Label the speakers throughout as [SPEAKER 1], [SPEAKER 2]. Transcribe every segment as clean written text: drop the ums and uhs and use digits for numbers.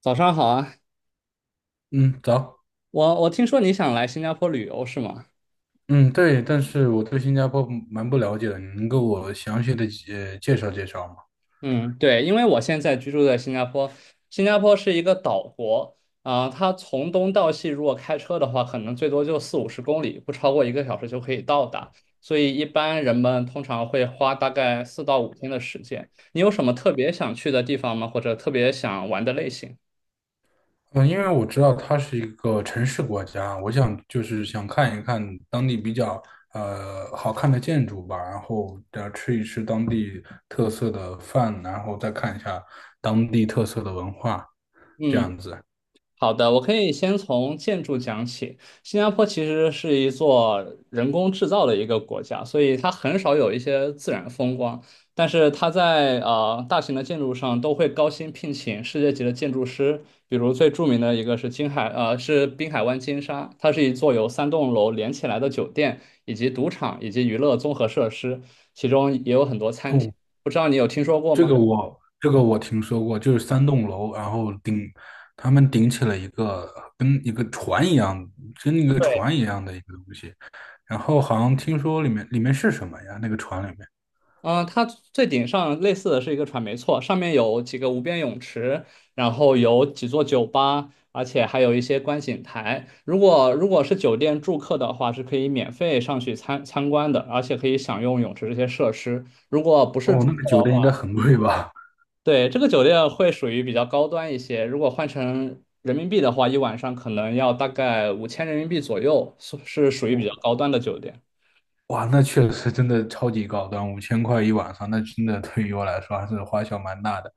[SPEAKER 1] 早上好啊，
[SPEAKER 2] 嗯，早。
[SPEAKER 1] 我听说你想来新加坡旅游是吗？
[SPEAKER 2] 嗯，对，但是我对新加坡蛮不了解的，你能给我详细的介绍介绍吗？
[SPEAKER 1] 嗯，对，因为我现在居住在新加坡，新加坡是一个岛国啊，它从东到西如果开车的话，可能最多就四五十公里，不超过一个小时就可以到达，所以一般人们通常会花大概4到5天的时间。你有什么特别想去的地方吗？或者特别想玩的类型？
[SPEAKER 2] 嗯，因为我知道它是一个城市国家，我想就是想看一看当地比较好看的建筑吧，然后吃一吃当地特色的饭，然后再看一下当地特色的文化，这
[SPEAKER 1] 嗯。
[SPEAKER 2] 样子。
[SPEAKER 1] 好的，我可以先从建筑讲起。新加坡其实是一座人工制造的一个国家，所以它很少有一些自然风光。但是它在大型的建筑上都会高薪聘请世界级的建筑师，比如最著名的一个是金海呃是滨海湾金沙，它是一座由三栋楼连起来的酒店，以及赌场以及娱乐综合设施，其中也有很多餐厅。不知道你有听说过
[SPEAKER 2] 这
[SPEAKER 1] 吗？
[SPEAKER 2] 个我这个我听说过，就是三栋楼，然后顶他们顶起了一个跟一个船一样，
[SPEAKER 1] 对。
[SPEAKER 2] 的一个东西，然后好像听说里面是什么呀？那个船里面，
[SPEAKER 1] 嗯，它最顶上类似的是一个船，没错，上面有几个无边泳池，然后有几座酒吧，而且还有一些观景台。如果是酒店住客的话，是可以免费上去参观的，而且可以享用泳池这些设施。如果不是
[SPEAKER 2] 哦，
[SPEAKER 1] 住
[SPEAKER 2] 那
[SPEAKER 1] 客
[SPEAKER 2] 个酒
[SPEAKER 1] 的
[SPEAKER 2] 店应该
[SPEAKER 1] 话，
[SPEAKER 2] 很
[SPEAKER 1] 嗯，
[SPEAKER 2] 贵吧？
[SPEAKER 1] 对，这个酒店会属于比较高端一些。如果换成人民币的话，一晚上可能要大概5000人民币左右，是属于比较高端的酒店。
[SPEAKER 2] 哇，那确实真的超级高端，五千块一晚上，那真的对于我来说还是花销蛮大的。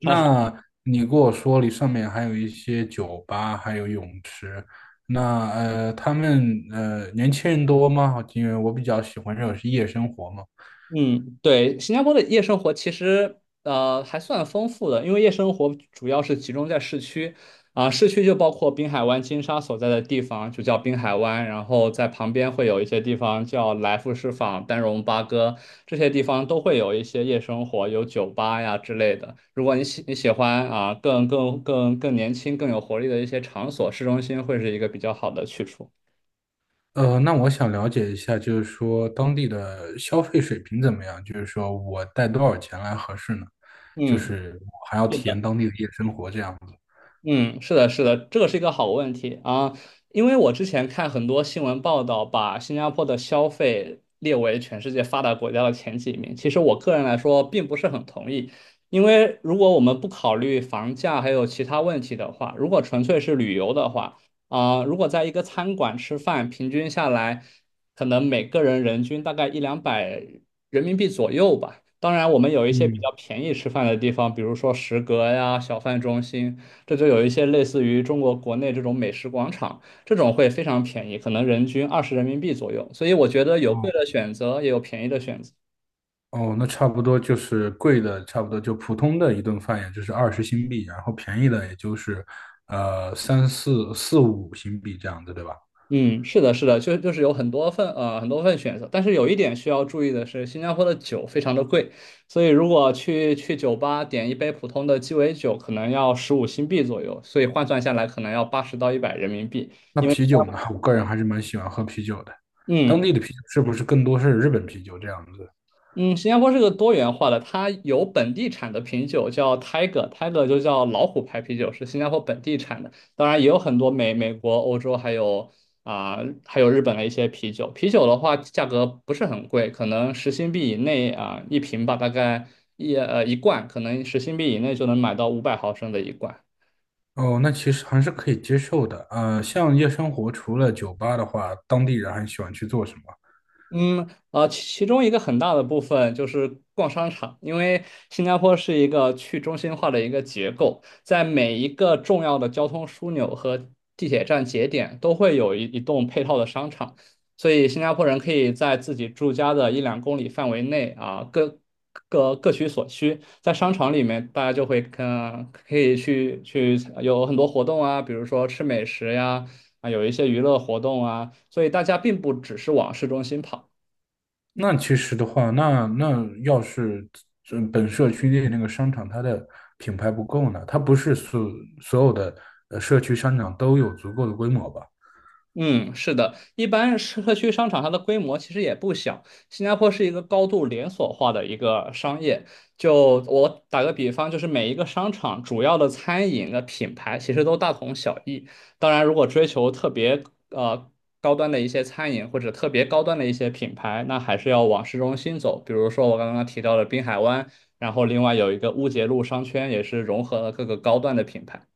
[SPEAKER 2] 那你跟我说你上面还有一些酒吧，还有泳池，那他们年轻人多吗？因为我比较喜欢这种是夜生活嘛。
[SPEAKER 1] 嗯，对，新加坡的夜生活其实还算丰富的，因为夜生活主要是集中在市区，市区就包括滨海湾金沙所在的地方，就叫滨海湾，然后在旁边会有一些地方叫来福士坊、丹戎巴哥，这些地方都会有一些夜生活，有酒吧呀之类的。如果你喜欢更年轻、更有活力的一些场所，市中心会是一个比较好的去处。
[SPEAKER 2] 呃，那我想了解一下，就是说当地的消费水平怎么样？就是说我带多少钱来合适呢？就
[SPEAKER 1] 嗯，
[SPEAKER 2] 是我还要
[SPEAKER 1] 是
[SPEAKER 2] 体验
[SPEAKER 1] 的。
[SPEAKER 2] 当地的夜生活这样子。
[SPEAKER 1] 嗯，是的，是的，这个是一个好问题啊，因为我之前看很多新闻报道，把新加坡的消费列为全世界发达国家的前几名。其实我个人来说，并不是很同意，因为如果我们不考虑房价还有其他问题的话，如果纯粹是旅游的话，如果在一个餐馆吃饭，平均下来，可能每个人人均大概一两百人民币左右吧。当然，我们有一些比
[SPEAKER 2] 嗯，
[SPEAKER 1] 较便宜吃饭的地方，比如说食阁呀、小贩中心。这就有一些类似于中国国内这种美食广场，这种会非常便宜，可能人均20人民币左右。所以我觉得有贵的
[SPEAKER 2] 哦。
[SPEAKER 1] 选择，也有便宜的选择。
[SPEAKER 2] 哦，那差不多就是贵的，差不多就普通的一顿饭，也就是二十新币，然后便宜的也就是三四五新币这样子，对吧？
[SPEAKER 1] 嗯，是的，是的，就是有很多份选择，但是有一点需要注意的是，新加坡的酒非常的贵，所以如果去酒吧点一杯普通的鸡尾酒，可能要15新币左右，所以换算下来可能要80到100人民币。
[SPEAKER 2] 那
[SPEAKER 1] 因为
[SPEAKER 2] 啤酒呢，我个人还是蛮喜欢喝啤酒的，当
[SPEAKER 1] 嗯，
[SPEAKER 2] 地的啤酒是不是更多是日本啤酒这样子？
[SPEAKER 1] 嗯，新加坡是个多元化的，它有本地产的啤酒叫 Tiger，Tiger 就叫老虎牌啤酒，是新加坡本地产的。当然也有很多美国、欧洲啊、还有日本的一些啤酒。啤酒的话，价格不是很贵，可能十新币以内一瓶吧，大概一罐，可能十新币以内就能买到500毫升的一罐。
[SPEAKER 2] 哦，那其实还是可以接受的。呃，像夜生活除了酒吧的话，当地人还喜欢去做什么？
[SPEAKER 1] 其中一个很大的部分就是逛商场，因为新加坡是一个去中心化的一个结构，在每一个重要的交通枢纽和地铁站节点都会有一栋配套的商场，所以新加坡人可以在自己住家的一两公里范围内啊，各取所需，在商场里面，大家就会可以去有很多活动啊，比如说吃美食呀，有一些娱乐活动啊，所以大家并不只是往市中心跑。
[SPEAKER 2] 那其实的话，那要是这本社区内那个商场它的品牌不够呢，它不是所有的社区商场都有足够的规模吧？
[SPEAKER 1] 嗯，是的，一般社区商场它的规模其实也不小。新加坡是一个高度连锁化的一个商业。就我打个比方，就是每一个商场主要的餐饮的品牌其实都大同小异。当然，如果追求特别呃高端的一些餐饮或者特别高端的一些品牌，那还是要往市中心走。比如说我刚刚提到的滨海湾，然后另外有一个乌节路商圈，也是融合了各个高端的品牌。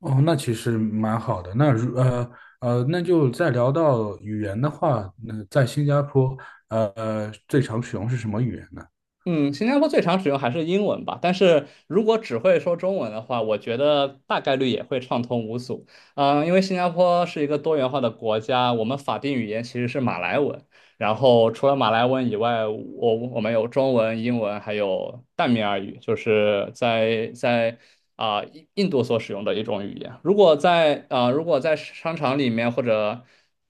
[SPEAKER 2] 哦，那其实蛮好的。那就再聊到语言的话，那在新加坡最常使用是什么语言呢？
[SPEAKER 1] 嗯，新加坡最常使用还是英文吧，但是如果只会说中文的话，我觉得大概率也会畅通无阻。嗯，因为新加坡是一个多元化的国家，我们法定语言其实是马来文，然后除了马来文以外，我们有中文、英文，还有淡米尔语，就是在印度所使用的一种语言。如果在商场里面或者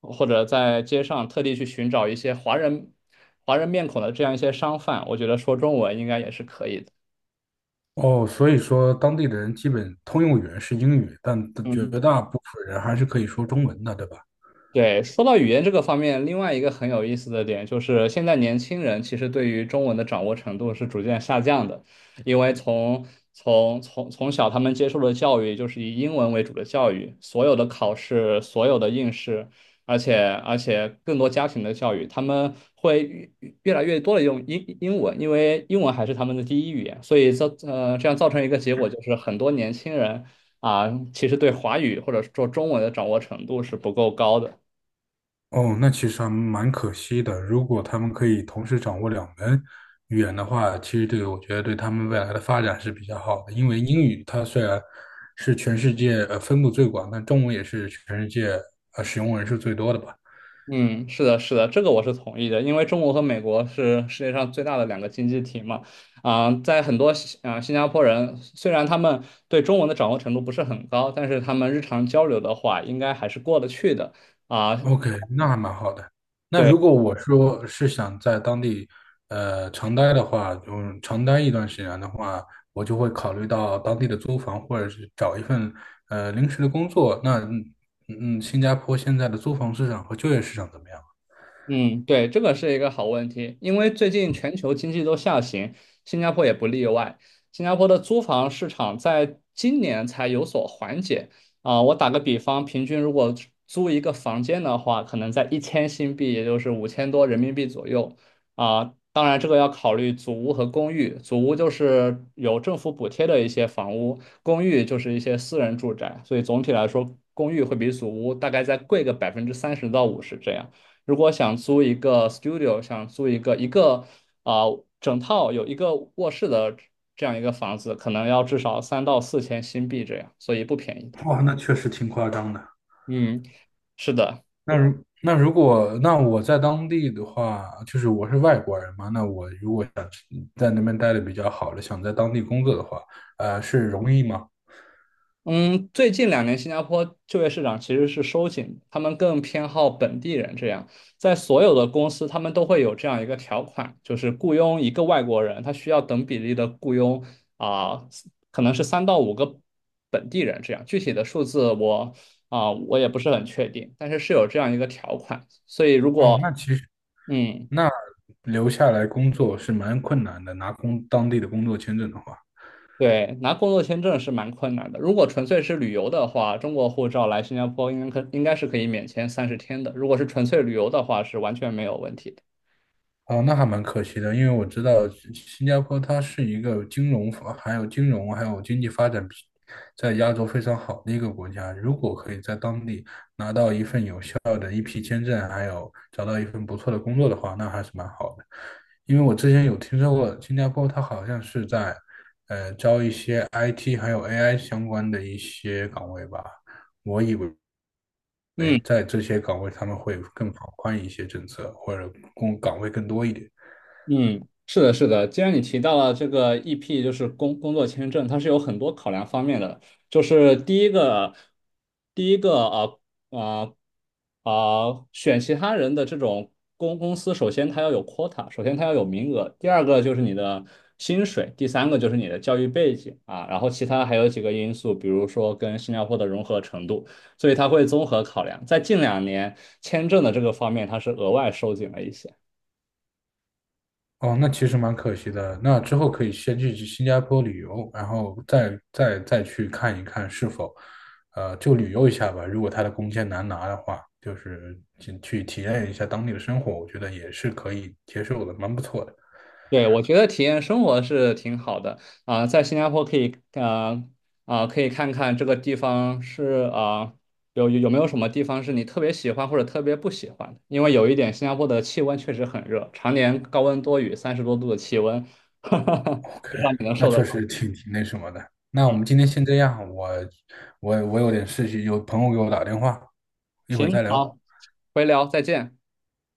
[SPEAKER 1] 或者在街上特地去寻找一些华人面孔的这样一些商贩，我觉得说中文应该也是可以的。
[SPEAKER 2] 哦，所以说当地的人基本通用语言是英语，但绝
[SPEAKER 1] 嗯，
[SPEAKER 2] 大部分人还是可以说中文的，对吧？
[SPEAKER 1] 对，说到语言这个方面，另外一个很有意思的点就是，现在年轻人其实对于中文的掌握程度是逐渐下降的，因为从小他们接受的教育就是以英文为主的教育，所有的考试、所有的应试，而且而且更多家庭的教育，他们会越来越多的用英文，因为英文还是他们的第一语言，所以这样造成一个结果就是很多年轻人啊，其实对华语或者说中文的掌握程度是不够高的。
[SPEAKER 2] 哦，那其实还蛮可惜的。如果他们可以同时掌握两门语言的话，其实我觉得对他们未来的发展是比较好的。因为英语它虽然是全世界分布最广，但中文也是全世界使用人数最多的吧。
[SPEAKER 1] 嗯，是的，是的，这个我是同意的，因为中国和美国是世界上最大的两个经济体嘛，在很多新加坡人，虽然他们对中文的掌握程度不是很高，但是他们日常交流的话，应该还是过得去的啊、
[SPEAKER 2] OK,那还蛮好的。那
[SPEAKER 1] 对。
[SPEAKER 2] 如果我说是想在当地，呃，长待的话，嗯，长待一段时间的话，我就会考虑到当地的租房，或者是找一份临时的工作。那嗯嗯，新加坡现在的租房市场和就业市场怎么样？
[SPEAKER 1] 嗯，对，这个是一个好问题，因为最近全球经济都下行，新加坡也不例外。新加坡的租房市场在今年才有所缓解啊，我打个比方，平均如果租一个房间的话，可能在1000新币，也就是5000多人民币左右啊。当然，这个要考虑祖屋和公寓。祖屋就是有政府补贴的一些房屋，公寓就是一些私人住宅，所以总体来说，公寓会比祖屋大概再贵个30%到50%这样。如果想租一个 studio，想租一个整套有一个卧室的这样一个房子，可能要至少3到4千新币这样，所以不便宜的。
[SPEAKER 2] 哇，那确实挺夸张的。
[SPEAKER 1] 嗯，是的。
[SPEAKER 2] 那如果我在当地的话，就是我是外国人嘛，那我如果想在那边待的比较好了，想在当地工作的话，呃，是容易吗？
[SPEAKER 1] 嗯，最近两年新加坡就业市场其实是收紧，他们更偏好本地人这样，在所有的公司他们都会有这样一个条款，就是雇佣一个外国人，他需要等比例的雇佣啊、可能是三到五个本地人这样，具体的数字我也不是很确定，但是是有这样一个条款，所以如
[SPEAKER 2] 哦，
[SPEAKER 1] 果
[SPEAKER 2] 那其实
[SPEAKER 1] 嗯。
[SPEAKER 2] 那留下来工作是蛮困难的，当地的工作签证的话，
[SPEAKER 1] 对，拿工作签证是蛮困难的。如果纯粹是旅游的话，中国护照来新加坡应该是可以免签30天的。如果是纯粹旅游的话，是完全没有问题的。
[SPEAKER 2] 哦，那还蛮可惜的，因为我知道新加坡它是一个金融还有经济发展在亚洲非常好的一个国家。如果可以在当地拿到一份有效的一批签证，还有找到一份不错的工作的话，那还是蛮好的。因为我之前有听说过新加坡，它好像是在招一些 IT 还有 AI 相关的一些岗位吧。我以为为
[SPEAKER 1] 嗯，
[SPEAKER 2] 在这些岗位他们会更放宽一些政策，或者工岗位更多一点。
[SPEAKER 1] 嗯，是的，是的。既然你提到了这个 EP，就是工作签证，它是有很多考量方面的。就是第一个，第一个啊啊选其他人的这种公司，首先它要有 quota，首先它要有名额。第二个就是你的薪水，第三个就是你的教育背景啊，然后其他还有几个因素，比如说跟新加坡的融合程度。所以它会综合考量。在近两年，签证的这个方面，它是额外收紧了一些。
[SPEAKER 2] 哦，那其实蛮可惜的。那之后可以先去新加坡旅游，然后再去看一看是否，呃，就旅游一下吧。如果他的工签难拿的话，就是去体验一下当地的生活，我觉得也是可以接受的，蛮不错的。
[SPEAKER 1] 对，我觉得体验生活是挺好的在新加坡可以看看这个地方有没有什么地方是你特别喜欢或者特别不喜欢的？因为有一点，新加坡的气温确实很热，常年高温多雨，30多度的气温，不
[SPEAKER 2] OK,
[SPEAKER 1] 知道你能
[SPEAKER 2] 那
[SPEAKER 1] 受得
[SPEAKER 2] 确
[SPEAKER 1] 了。
[SPEAKER 2] 实挺那什么的。那我
[SPEAKER 1] 嗯，
[SPEAKER 2] 们今天先这样，我有点事情，有朋友给我打电话，一会儿
[SPEAKER 1] 行，
[SPEAKER 2] 再聊，
[SPEAKER 1] 好，回聊，再见。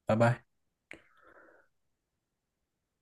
[SPEAKER 2] 拜拜。